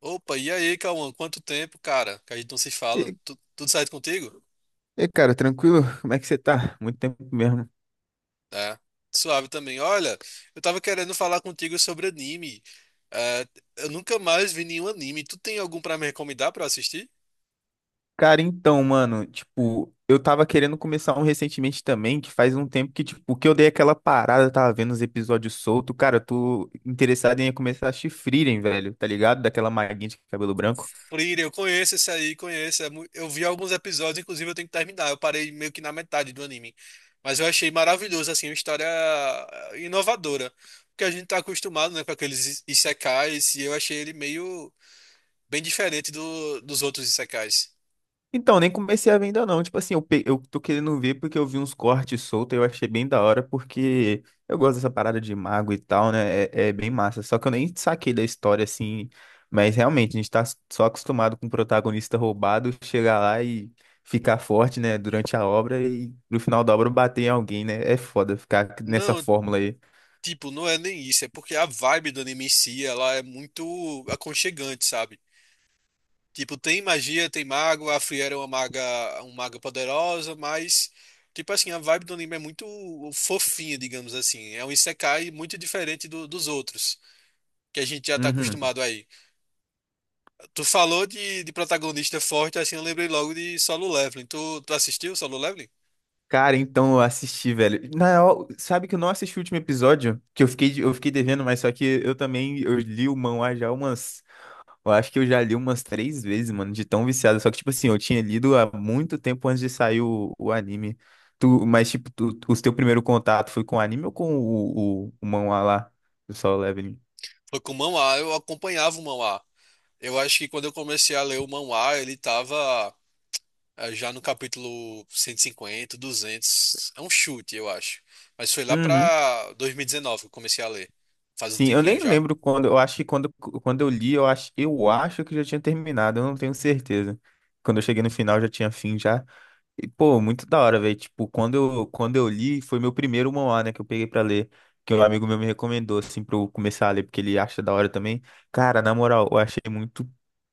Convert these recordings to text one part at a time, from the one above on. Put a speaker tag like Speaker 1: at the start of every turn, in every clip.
Speaker 1: Opa, e aí, Cauã? Quanto tempo, cara, que a gente não se fala.
Speaker 2: E,
Speaker 1: Tu- tudo certo contigo?
Speaker 2: cara, tranquilo? Como é que você tá? Muito tempo mesmo.
Speaker 1: É, Suave também. Olha, eu tava querendo falar contigo sobre anime. É, eu nunca mais vi nenhum anime. Tu tem algum pra me recomendar pra eu assistir?
Speaker 2: Cara, então, mano, tipo, eu tava querendo começar um recentemente também, que faz um tempo que, tipo, que eu dei aquela parada, tava vendo os episódios soltos. Cara, eu tô interessado em começar a assistir Frieren, velho, tá ligado? Daquela maguinha de cabelo branco.
Speaker 1: Free, eu conheço esse aí, conheço. É mu- eu vi alguns episódios, inclusive eu tenho que terminar. Eu parei meio que na metade do anime. Mas eu achei maravilhoso, assim, uma história inovadora. Porque a gente tá acostumado, né, com aqueles i- isekais, e eu achei ele meio bem diferente dos outros isekais.
Speaker 2: Então, nem comecei a ver ainda não. Tipo assim, eu tô querendo ver porque eu vi uns cortes soltos e eu achei bem da hora, porque eu gosto dessa parada de mago e tal, né? É bem massa. Só que eu nem saquei da história, assim. Mas realmente, a gente tá só acostumado com o protagonista roubado chegar lá e ficar forte, né? Durante a obra e no final da obra bater em alguém, né? É foda ficar nessa
Speaker 1: Não,
Speaker 2: fórmula aí.
Speaker 1: tipo, não é nem isso. É porque a vibe do anime em si, ela é muito aconchegante, sabe? Tipo, tem magia, tem mago, a Friera é uma maga poderosa, mas, tipo assim, a vibe do anime é muito fofinha, digamos assim. É um isekai muito diferente do- dos outros, que a gente já tá
Speaker 2: Uhum.
Speaker 1: acostumado aí. Tu falou de protagonista forte, assim, eu lembrei logo de Solo Leveling. Tu assistiu Solo Leveling?
Speaker 2: Cara, então eu assisti, velho. Na real, sabe que eu não assisti o último episódio? Que eu fiquei, eu fiquei devendo, mas só que eu também eu li o manhwa já umas. Eu acho que eu já li umas três vezes, mano, de tão viciado. Só que, tipo assim, eu tinha lido há muito tempo antes de sair o anime. Tu, mas, tipo, tu, tu- O teu primeiro contato foi com o anime ou com o manhwa lá do Solo Leveling?
Speaker 1: Foi com o Manhwa, eu acompanhava o Manhwa. Eu acho que quando eu comecei a ler o Manhwa, ele tava. Ah, já no capítulo 150, 200, é um chute, eu acho. Mas foi lá
Speaker 2: Uhum.
Speaker 1: pra 2019 que eu comecei a ler. Faz um
Speaker 2: Sim, eu
Speaker 1: tempinho
Speaker 2: nem
Speaker 1: já.
Speaker 2: lembro quando. Eu acho que quando, quando eu li, eu acho que já tinha terminado, eu não tenho certeza. Quando eu cheguei no final, já tinha fim já. E, pô, muito da hora, velho. Tipo, quando eu li, foi meu primeiro manhwa, né, que eu peguei pra ler, que um amigo meu me recomendou, assim, pra eu começar a ler, porque ele acha da hora também. Cara, na moral, eu achei muito.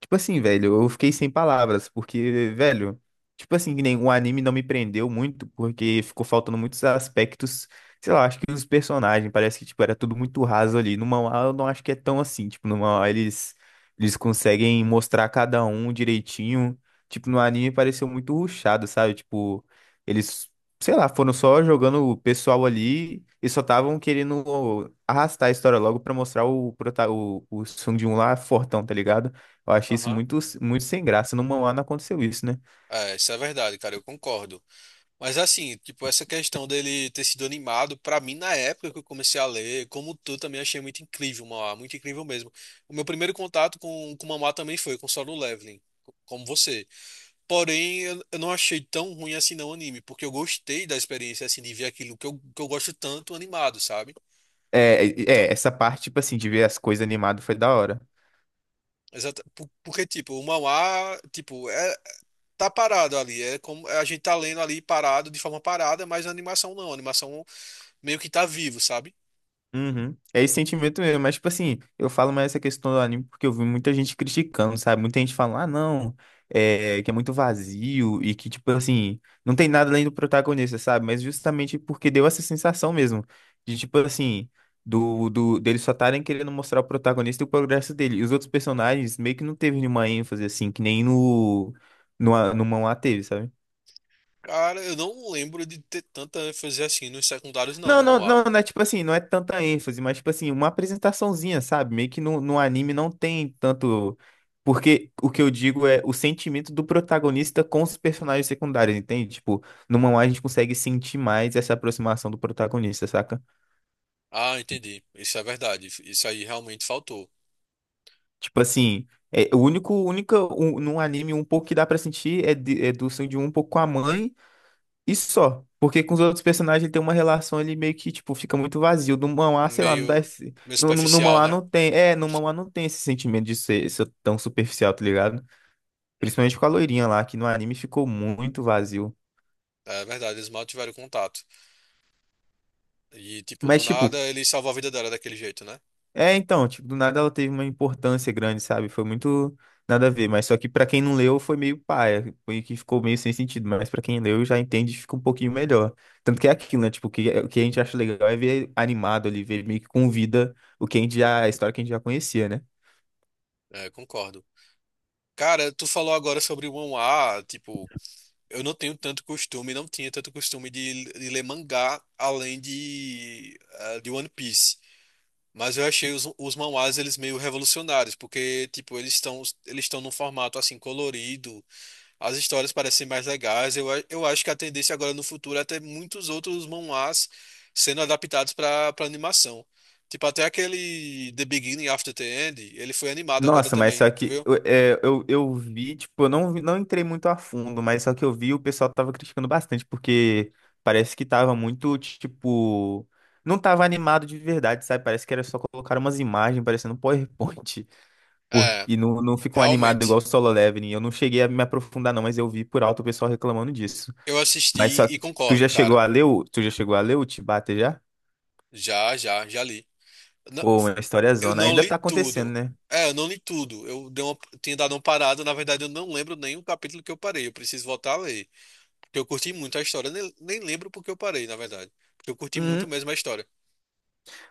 Speaker 2: Tipo assim, velho, eu fiquei sem palavras, porque, velho, tipo assim, que nem o anime não me prendeu muito, porque ficou faltando muitos aspectos, sei lá, acho que os personagens, parece que, tipo, era tudo muito raso ali. No manhwa, eu não acho que é tão assim, tipo, no manhwa eles conseguem mostrar cada um direitinho, tipo, no anime pareceu muito rushado, sabe? Tipo, eles, sei lá, foram só jogando o pessoal ali e só estavam querendo arrastar a história logo pra mostrar o Sung Jin lá fortão, tá ligado? Eu achei isso
Speaker 1: Aham.
Speaker 2: muito sem graça. No mangá não aconteceu isso, né?
Speaker 1: É, isso é verdade, cara, eu concordo. Mas assim, tipo, essa questão dele ter sido animado, pra mim, na época que eu comecei a ler, como tu, também achei muito incrível, Mauá, muito incrível mesmo. O meu primeiro contato com Mamá também foi com Solo Leveling, co- como você. Porém, eu não achei tão ruim assim não o anime, porque eu gostei da experiência, assim, de ver aquilo que eu gosto tanto animado, sabe? Então,
Speaker 2: Essa parte, tipo assim, de ver as coisas animadas foi da hora.
Speaker 1: exata, po- porque, tipo, o manhwa, tipo, é, tá parado ali. É como a gente tá lendo ali parado, de forma parada, mas a animação não. A animação meio que tá vivo, sabe?
Speaker 2: Uhum. É esse sentimento mesmo, mas tipo assim, eu falo mais essa questão do anime porque eu vi muita gente criticando, sabe? Muita gente falando, ah, não, é, que é muito vazio e que, tipo assim, não tem nada além do protagonista, sabe? Mas justamente porque deu essa sensação mesmo, de tipo assim, deles só estarem querendo mostrar o protagonista e o progresso dele. E os outros personagens meio que não teve nenhuma ênfase, assim, que nem no manhwa teve, sabe?
Speaker 1: Cara, eu não lembro de ter tanta ênfase assim nos secundários, não, no manhwa.
Speaker 2: Não é tipo assim, não é tanta ênfase, mas tipo assim, uma apresentaçãozinha, sabe? Meio que no anime não tem tanto. Porque o que eu digo é o sentimento do protagonista com os personagens secundários, entende? Tipo, no mangá a gente consegue sentir mais essa aproximação do protagonista, saca?
Speaker 1: Ah, entendi. Isso é verdade. Isso aí realmente faltou.
Speaker 2: Tipo assim, é, o único, única, um, num anime um pouco que dá pra sentir é, de, é do sangue de um pouco com a mãe. E só. Porque com os outros personagens ele tem uma relação, ele meio que, tipo, fica muito vazio. No manhwa, sei lá, não dá
Speaker 1: Meio,
Speaker 2: esse...
Speaker 1: meio
Speaker 2: No
Speaker 1: superficial,
Speaker 2: manhwa
Speaker 1: né?
Speaker 2: não tem... É, no manhwa não tem esse sentimento de ser tão superficial, tá ligado?
Speaker 1: Uhum.
Speaker 2: Principalmente com a loirinha lá, que no anime ficou muito vazio.
Speaker 1: É verdade, eles mal tiveram contato. E, tipo, do
Speaker 2: Mas,
Speaker 1: nada
Speaker 2: tipo,
Speaker 1: ele salvou a vida dela daquele jeito, né?
Speaker 2: é, então, tipo, do nada ela teve uma importância grande, sabe? Foi muito nada a ver, mas só que pra quem não leu foi meio paia, foi que ficou meio sem sentido, mas pra quem leu já entende, e fica um pouquinho melhor. Tanto que é aquilo, né? Tipo, o que a gente acha legal é ver animado ali, ver meio que com vida o que a gente já, a história que a gente já conhecia, né?
Speaker 1: É, concordo. Cara, tu falou agora sobre o manhwa, tipo. Eu não tenho tanto costume, não tinha tanto costume de ler mangá além de, ah, de One Piece. Mas eu achei os manhwas eles meio revolucionários, porque tipo, eles estão num formato assim colorido, as histórias parecem mais legais. Eu, a- eu acho que a tendência agora no futuro é ter muitos outros manhwas sendo adaptados para animação. Tipo, até aquele The Beginning After the End, ele foi animado agora
Speaker 2: Nossa, mas
Speaker 1: também,
Speaker 2: só
Speaker 1: tu
Speaker 2: que
Speaker 1: viu?
Speaker 2: eu vi, tipo, eu não, não entrei muito a fundo, mas só que eu vi o pessoal tava criticando bastante, porque parece que tava muito, tipo, não tava animado de verdade, sabe? Parece que era só colocar umas imagens parecendo um PowerPoint, por,
Speaker 1: É,
Speaker 2: e não ficou animado igual
Speaker 1: realmente.
Speaker 2: o Solo Leveling. Eu não cheguei a me aprofundar não, mas eu vi por alto o pessoal reclamando disso.
Speaker 1: Eu
Speaker 2: Mas só
Speaker 1: assisti e
Speaker 2: que
Speaker 1: concordo, cara.
Speaker 2: tu já chegou a ler o Chibata já?
Speaker 1: Já, já, já li. Na-
Speaker 2: Pô, uma história
Speaker 1: eu
Speaker 2: zona.
Speaker 1: não
Speaker 2: Ainda
Speaker 1: li
Speaker 2: tá acontecendo,
Speaker 1: tudo.
Speaker 2: né?
Speaker 1: É, eu não li tudo. Eu dei uma, tinha dado uma parada. Na verdade, eu não lembro nem o capítulo que eu parei. Eu preciso voltar a ler. Porque eu curti muito a história. Nem lembro porque eu parei, na verdade. Porque eu curti muito mesmo a história.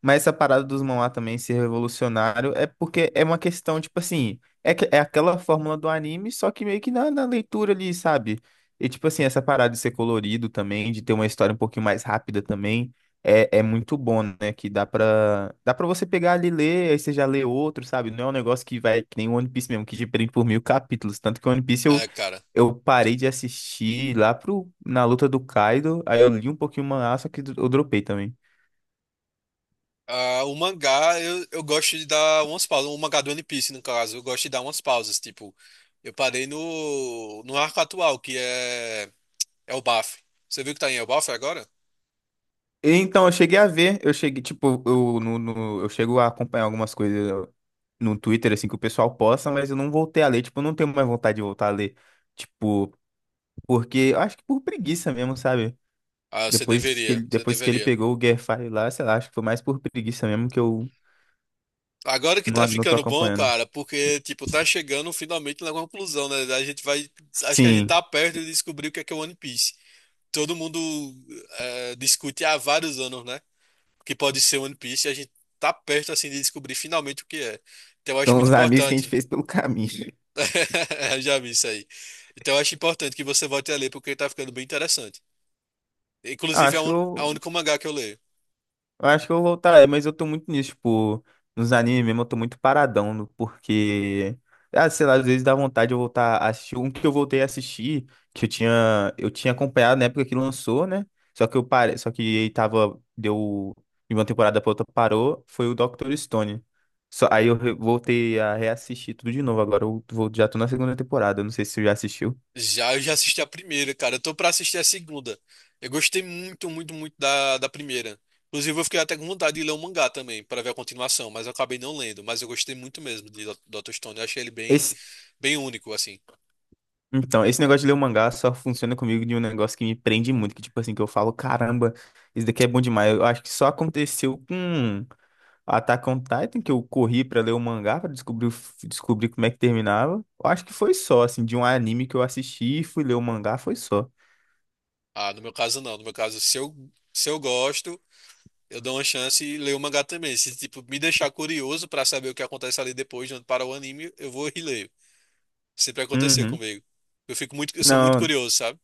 Speaker 2: Mas essa parada dos manhwa também ser revolucionário é porque é uma questão, tipo assim, é, que- é aquela fórmula do anime, só que meio que na leitura ali, sabe? E tipo assim, essa parada de ser colorido também, de ter uma história um pouquinho mais rápida também, é muito bom, né? Que dá pra você pegar ali e ler, aí você já lê outro, sabe? Não é um negócio que vai, que nem o One Piece mesmo, que te prende por mil capítulos. Tanto que o One Piece
Speaker 1: É, cara.
Speaker 2: eu parei de assistir lá pro, na luta do Kaido, aí eu li um pouquinho o manhwa, só que eu dropei também.
Speaker 1: Ah, o mangá, eu gosto de dar umas pausas. O mangá do One Piece, no caso. Eu gosto de dar umas pausas. Tipo, eu parei no arco atual, que é, é o Elbaf. Você viu que tá em Elbaf agora?
Speaker 2: Então, eu cheguei a ver, eu cheguei, tipo, eu, no, no- eu chego a acompanhar algumas coisas no Twitter, assim, que o pessoal posta, mas eu não voltei a ler, tipo, eu não tenho mais vontade de voltar a ler, tipo, porque, eu acho que por preguiça mesmo, sabe?
Speaker 1: Ah, você deveria. Você
Speaker 2: Depois que ele
Speaker 1: deveria.
Speaker 2: pegou o Guerfire lá, sei lá, acho que foi mais por preguiça mesmo que eu
Speaker 1: Agora que tá
Speaker 2: não, não tô
Speaker 1: ficando bom,
Speaker 2: acompanhando.
Speaker 1: cara, porque, tipo, tá chegando finalmente na conclusão, né? A gente vai. Acho que a gente
Speaker 2: Sim,
Speaker 1: tá perto de descobrir o que é One Piece. Todo mundo discute há vários anos, né? O que pode ser One Piece e a gente tá perto, assim, de descobrir finalmente o que é. Então eu acho
Speaker 2: são
Speaker 1: muito
Speaker 2: os amigos que a gente
Speaker 1: importante.
Speaker 2: fez pelo caminho.
Speaker 1: Eu já vi isso aí. Então eu acho importante que você volte a ler, porque tá ficando bem interessante. Inclusive, é
Speaker 2: Acho
Speaker 1: o
Speaker 2: que
Speaker 1: un- é o único mangá que eu leio.
Speaker 2: eu acho que eu vou voltar, é, mas eu tô muito nisso, tipo, nos animes mesmo, eu tô muito paradão, no- porque, ah, sei lá, às vezes dá vontade de eu voltar a assistir. Um que eu voltei a assistir, que eu tinha acompanhado na época que lançou, né? Só que eu parei, só que ele tava, deu, de uma temporada pra outra parou, foi o Dr. Stone. Só, aí eu voltei a reassistir tudo de novo, agora eu vou, já tô na segunda temporada, não sei se você já assistiu.
Speaker 1: Já, eu já assisti a primeira, cara. Eu tô pra assistir a segunda. Eu gostei muito, muito, muito da primeira. Inclusive, eu fiquei até com vontade de ler o mangá também, pra ver a continuação, mas eu acabei não lendo. Mas eu gostei muito mesmo de Do- Dr. Stone. Eu achei ele bem, bem único, assim.
Speaker 2: Então, esse negócio de ler o mangá só funciona comigo de um negócio que me prende muito, que tipo assim, que eu falo, caramba, isso daqui é bom demais. Eu acho que só aconteceu com Attack on Titan, que eu corri pra ler o mangá pra descobrir, descobrir como é que terminava. Eu acho que foi só, assim, de um anime que eu assisti e fui ler o mangá, foi só.
Speaker 1: Ah, no meu caso, não. No meu caso, se eu gosto, eu dou uma chance e leio o mangá também. Se, tipo, me deixar curioso pra saber o que acontece ali depois, de onde para o anime, eu vou e leio. Sempre aconteceu
Speaker 2: Uhum.
Speaker 1: comigo. Eu fico muito, eu sou muito
Speaker 2: Não,
Speaker 1: curioso, sabe?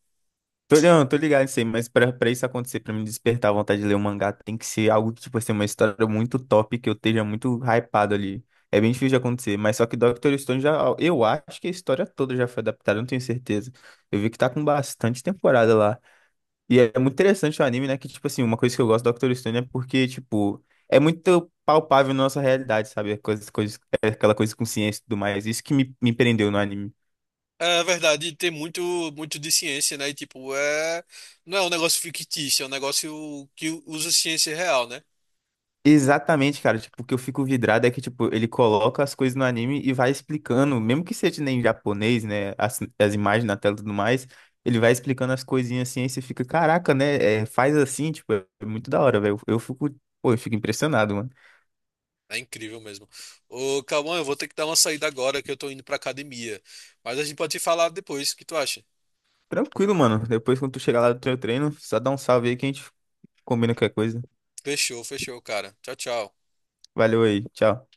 Speaker 2: tô, não, tô ligado nisso aí, mas pra isso acontecer, pra me despertar a vontade de ler um mangá, tem que ser algo que, tipo assim, uma história muito top, que eu esteja muito hypado ali. É bem difícil de acontecer, mas só que Dr. Stone já, eu acho que a história toda já foi adaptada, eu não tenho certeza. Eu vi que tá com bastante temporada lá. E é muito interessante o anime, né? Que, tipo assim, uma coisa que eu gosto do Dr. Stone é porque, tipo, é muito palpável na nossa realidade, sabe? Coisas, é aquela coisa com ciência e tudo mais. Isso que me prendeu no anime.
Speaker 1: É verdade, tem muito, muito de ciência, né? E, tipo, é... não é um negócio fictício, é um negócio que usa ciência real, né?
Speaker 2: Exatamente, cara. Tipo, o que eu fico vidrado é que, tipo, ele coloca as coisas no anime e vai explicando, mesmo que seja nem em japonês, né? As imagens na tela e tudo mais, ele vai explicando as coisinhas assim, aí você fica, caraca, né? É, faz assim, tipo, é muito da hora, velho. Eu fico, pô, eu fico impressionado, mano.
Speaker 1: É incrível mesmo. Ô, Cauã, eu vou ter que dar uma saída agora que eu tô indo pra academia. Mas a gente pode falar depois, o que tu acha?
Speaker 2: Tranquilo, mano. Depois, quando tu chegar lá do teu treino, só dá um salve aí que a gente combina qualquer coisa.
Speaker 1: Fechou, fechou, cara. Tchau, tchau.
Speaker 2: Valeu aí, tchau.